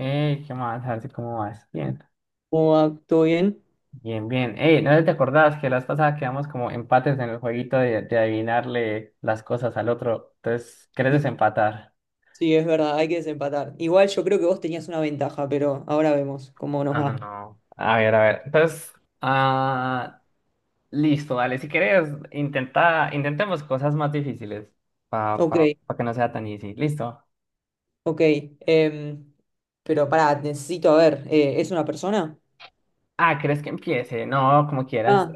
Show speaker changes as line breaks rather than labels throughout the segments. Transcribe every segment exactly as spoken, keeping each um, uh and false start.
Ey, ¿qué más? Así como vas. Bien,
¿Cómo va? ¿Todo bien?
bien, bien. Ey, ¿no te acordabas que las pasadas quedamos como empates en el jueguito de, de adivinarle las cosas al otro? Entonces, ¿querés desempatar?
Sí, es verdad, hay que desempatar. Igual yo creo que vos tenías una ventaja, pero ahora vemos cómo nos
Ah, no.
va.
no. A ver, a ver. Entonces, ah, listo, dale. Si querés, intenta, intentemos cosas más difíciles para pa,
Ok,
pa pa que no sea tan easy. Listo.
ok. em, pero pará, necesito, a ver, eh, ¿es una persona?
Ah, ¿crees que empiece? No, como quieras.
Ah,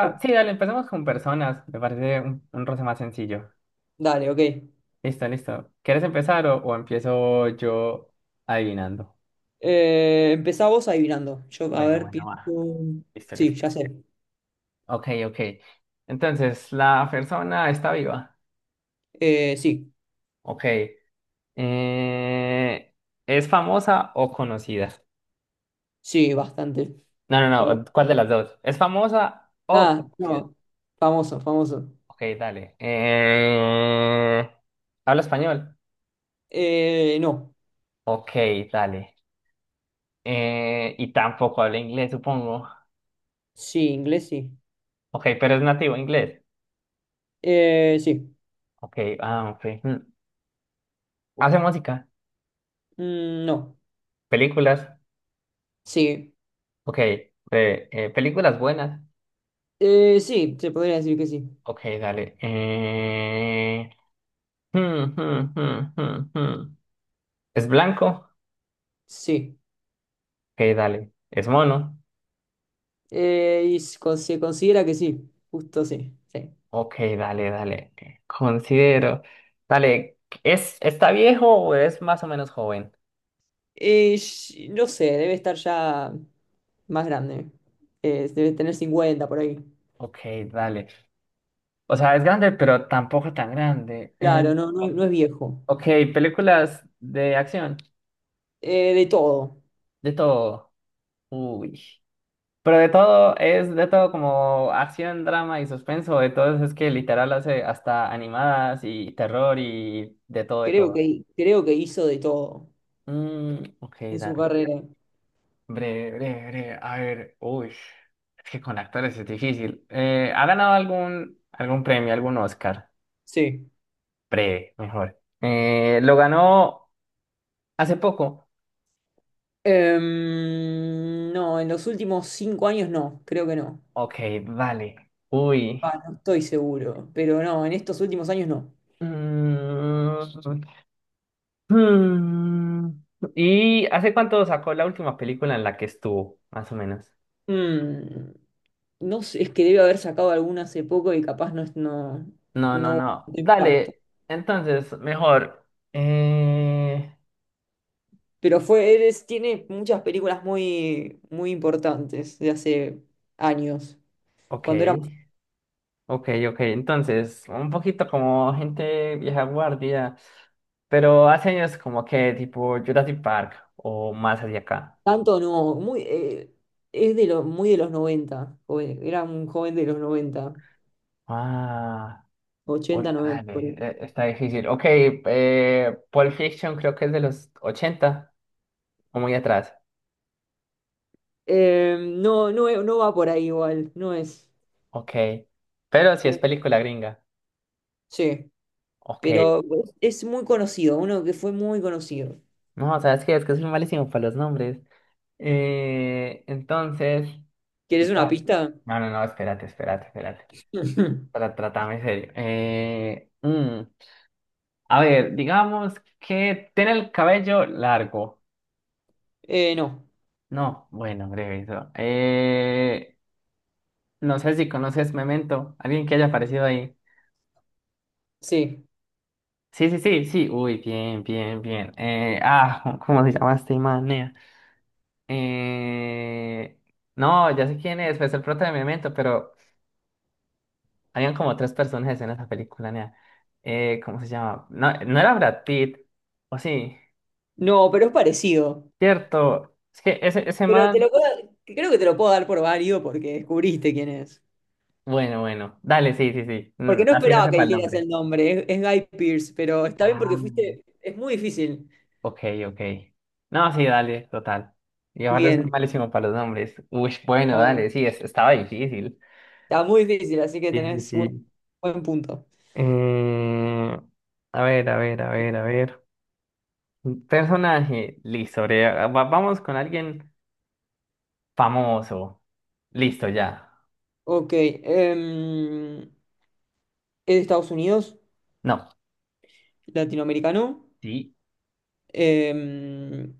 ok,
sí, dale, empecemos con personas. Me parece un, un roce más sencillo.
dale, ok.
Listo, listo. ¿Quieres empezar o, o empiezo yo adivinando?
Eh, empezá vos adivinando. Yo, a
Bueno,
ver,
bueno, va.
pienso...
Listo,
Sí,
listo.
ya sé.
Ok, ok. Entonces, ¿la persona está viva?
Eh, sí,
Ok. Eh, ¿es famosa o conocida?
sí, bastante.
No, no,
Famoso.
no. ¿Cuál de las dos? ¿Es famosa o
Ah,
conocida?
no. Famoso, famoso.
Ok, dale. Eh, ¿habla español?
Eh, no.
Ok, dale. Eh, y tampoco habla inglés, supongo.
Sí, inglés, sí.
Ok, pero es nativo inglés.
Eh, sí.
Ok, ah, ok. Mm. ¿Hace música?
Mm, no.
Películas,
Sí.
ok. eh, eh, películas buenas,
Eh, sí, se podría decir que sí.
ok, dale. Eh, hmm, hmm, hmm, hmm, hmm. ¿Es blanco?
Sí.
Ok, dale. ¿Es mono?
Eh, y s- con- se considera que sí, justo sí, sí.
Ok, dale, dale. Eh, Considero. Dale, ¿es, está viejo o es más o menos joven?
Eh, sh- no sé, debe estar ya más grande. Eh, debe tener cincuenta por ahí.
Ok, dale. O sea, es grande, pero tampoco tan grande. Eh,
Claro, no, no, es no es viejo.
ok, películas de acción,
Eh, de todo.
de todo. Uy. Pero de todo, es de todo como acción, drama y suspenso, de todo es que literal hace hasta animadas y terror y de todo, de
Creo
todo.
que, creo que hizo de todo
Mm, ok,
en su
dale.
carrera.
Breve, breve, breve. A ver, uy, es que con actores es difícil. Eh, ¿ha ganado algún, algún premio, algún Oscar?
Sí.
Breve, mejor. Eh, ¿lo ganó hace poco?
Em, no, en los últimos cinco años no, creo que no.
Ok, vale. Uy.
Va, no estoy seguro, pero no, en estos últimos años no.
Mm, Hmm, ¿Y hace cuánto sacó la última película en la que estuvo, más o menos?
Mm, no sé, es que debe haber sacado alguna hace poco y capaz no es- no,
No, no,
no
no.
hubo impacto.
Dale, entonces, mejor. Eh...
Pero fue, él es- tiene muchas películas muy, muy importantes de hace años.
Ok,
Cuando era
ok, ok. Entonces, un poquito como gente vieja guardia, pero hace años como que tipo Jurassic Park o más hacia acá.
tanto, no, muy, eh, es de lo, muy de los noventa, joven- era un joven de los noventa,
Ah, uy,
ochenta, noventa por
dale,
ahí.
eh, está difícil. Ok, eh, Pulp Fiction creo que es de los ochenta o muy atrás.
Eh, no, no, e- no va por ahí igual, no es,
Ok. Pero si es
creo.
película gringa.
Sí,
Ok.
pero es es muy conocido, uno que fue muy conocido.
No, ¿sabes qué? Es que soy malísimo para los nombres. Eh, entonces.
¿Quieres una
Total.
pista?
No, no, no, espérate, espérate, espérate.
Ujú.
Para tratarme en serio. Eh, mm, a ver, digamos que tiene el cabello largo.
Eh, no,
No, bueno, breve eso. Eh, no sé si conoces Memento. Alguien que haya aparecido ahí.
sí.
Sí, sí, sí, sí. Uy, bien, bien, bien. Eh, ah, ¿cómo se llama este man? Eh, no, ya sé quién es, pues el prota de Memento, pero habían como tres personajes en esa película, nea. Eh, ¿cómo se llama? No, no era Brad Pitt, o sí,
No, pero es parecido.
cierto. Es que ese, ese
Pero te
man,
lo puedo, creo que te lo puedo dar por válido porque descubriste quién es.
bueno, bueno, dale, sí, sí, sí, mm,
Porque no
así no
esperaba que
sepa el
dijeras
nombre.
el nombre, es, es Guy Pearce, pero está bien porque
Ah,
fuiste, es muy difícil.
ok, ok. No, sí, dale, total. Y aparte soy
Bien,
malísimo para los nombres. Uy, bueno,
a ver,
dale, sí, es- estaba difícil.
está muy difícil, así que
Sí, sí,
tenés buen,
sí.
buen punto.
Eh, a ver, a ver, a ver, a ver. Personaje, listo, bre- va- vamos con alguien famoso. Listo, ya.
Ok, em, es de Estados Unidos,
No,
latinoamericano,
sí,
em,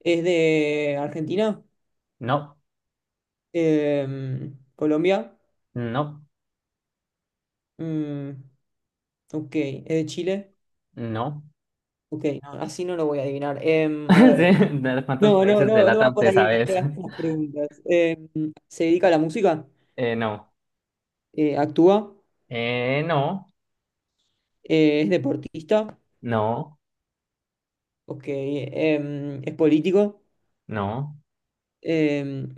es de Argentina,
no,
em, Colombia.
no,
Mm, ok, ¿es de Chile?
no.
Ok, no, así no lo voy a adivinar. Em,
Sí,
a ver,
¿de ¿cuántos
no, no,
países de
no, no va
LATAM
por
te
ahí
sabes?
las preguntas. Em, ¿se dedica a la música?
Eh, no,
Eh, ¿actúa?
eh, no,
Eh, ¿es deportista?
no,
Ok, em, ¿es político?
no.
Em,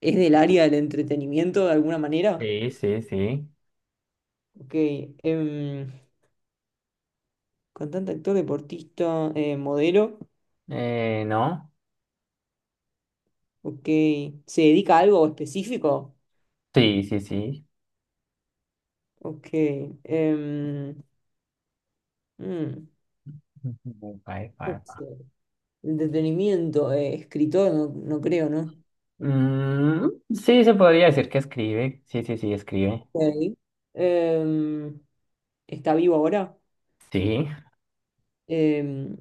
¿Es del área del entretenimiento de alguna manera?
Sí, sí, sí.
Ok, em, cantante, actor, deportista, eh, modelo.
Eh, no,
Ok, ¿se dedica a algo específico?
sí, sí, sí.
Ok, em, mm,
Ujú, pa, pa,
puede
pa.
ser. Entretenimiento, eh, escritor, no, no creo, ¿no?
Mm, sí, se podría decir que escribe. Sí, sí, sí, escribe.
Ok. Em, Está vivo ahora.
Sí.
Em,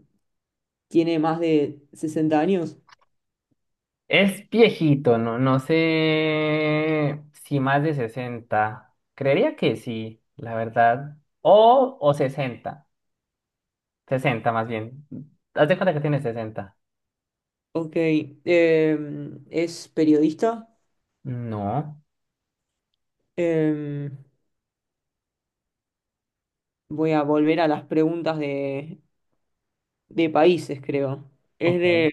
Tiene más de sesenta años.
Es viejito, no, no sé si más de sesenta. Creería que sí, la verdad. O, o sesenta, sesenta más bien. Haz de cuenta que tiene sesenta.
Ok. Em, es periodista.
No,
Em, Voy a volver a las preguntas de, de países, creo. ¿Es
ok.
de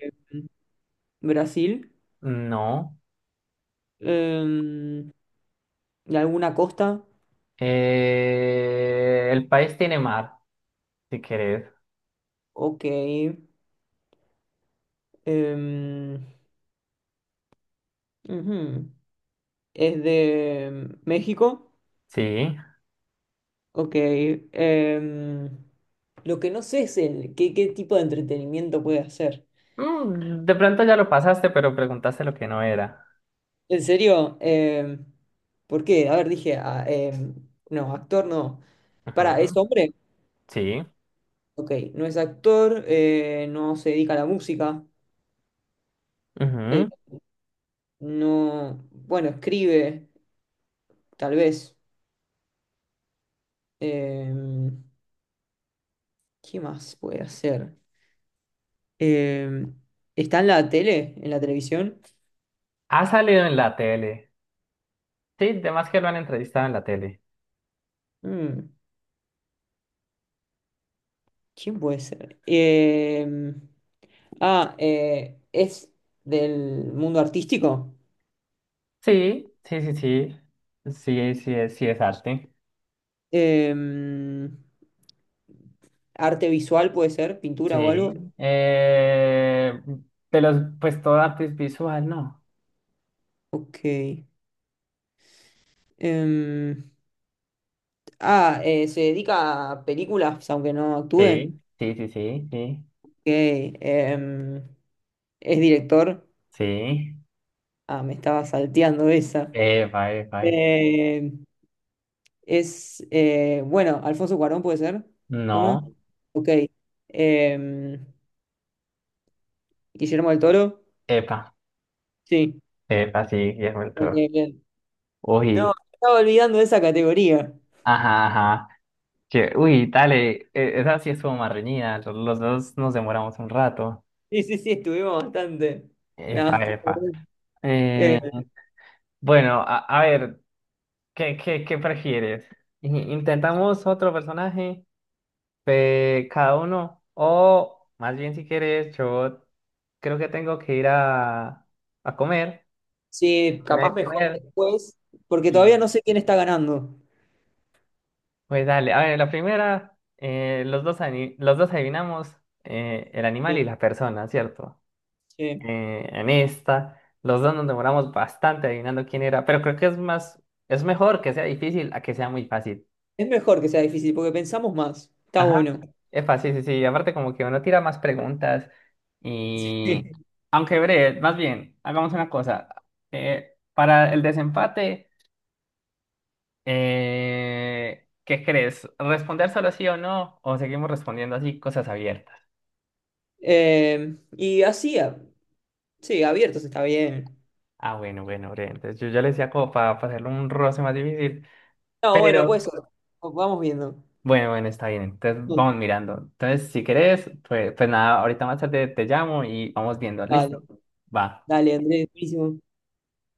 Brasil?
no.
Em, ¿De alguna costa?
Eh, el país tiene mar, si querés.
Ok. Em, Ujú. ¿Es de México?
Sí.
Ok. em, lo que no sé es el, qué, qué tipo de entretenimiento puede hacer.
Mm, de pronto ya lo pasaste, pero preguntaste lo que no era.
En serio, em, ¿por qué? A ver, dije, ah, em, no, actor no. Para, ¿es
Ujú,
hombre?
sí.
Ok, no es actor, eh, no se dedica a la música, eh,
ujú.
no, bueno, escribe, tal vez. Em, ¿Qué más puede hacer? Em, ¿Está en la tele, en la televisión?
Ha salido en la tele. Sí, de que lo han entrevistado en la tele.
Mm. ¿Quién puede ser? Em, ah, eh, es del mundo artístico.
Sí, sí, sí, sí. Sí, sí, es, sí es arte.
Em, Arte visual puede ser, pintura o algo.
Sí. Eh, de los, pues todo arte es visual, ¿no?
Ok. Em, ah, eh, Se dedica a películas, aunque no actúe.
Sí, sí, sí, sí, sí.
Ok. Em, es director.
Sí.
Ah, me estaba salteando esa.
Epa, epa, epa.
Eh, es, eh, bueno, Alfonso Cuarón puede ser. Uno.
No.
Ok. Em, Guillermo del Toro.
Epa.
Sí.
Epa, sí, Guillermo del Toro.
Bien, bien. No, me
Uy,
estaba olvidando de esa categoría.
ajá, ajá. que, uy, dale, e- esa sí estuvo más reñida. Los, los dos nos demoramos un rato.
Sí, sí, sí, estuvimos bastante. No,
Epa,
estuvo
epa.
bien.
Eh,
Eh,
bueno, a, a ver. ¿Qué, qué, qué prefieres? I- ¿Intentamos otro personaje? Eh, cada uno. O más bien si quieres, yo creo que tengo que ir a, a comer.
sí,
A
capaz
de
mejor
comer.
después, porque todavía
Y
no sé quién está ganando.
pues dale, a ver, la primera, eh, los dos, ani- los dos adivinamos eh, el animal y
Sí,
la persona, ¿cierto?
sí.
Eh, en esta, los dos nos demoramos bastante adivinando quién era, pero creo que es más, es mejor que sea difícil a que sea muy fácil.
Es mejor que sea difícil, porque pensamos más. Está
Ajá,
bueno.
es fácil, sí, sí. Aparte, como que uno tira más preguntas. Y. Aunque breve, más bien, hagamos una cosa. Eh, para el desempate, eh, ¿qué crees? ¿Responder solo sí o no? ¿O seguimos respondiendo así cosas abiertas?
Sí. Em, y así, a- sí, abiertos está bien.
Ah, bueno, bueno, breve. Entonces, yo ya le decía como para, para hacerlo un roce más difícil.
No, bueno,
Pero,
pues vamos viendo.
bueno, bueno, está bien. Entonces, vamos mirando. Entonces, si querés, pues, pues nada, ahorita más tarde te llamo y vamos viendo.
Dale,
¿Listo? Va.
dale, Andrés, buenísimo.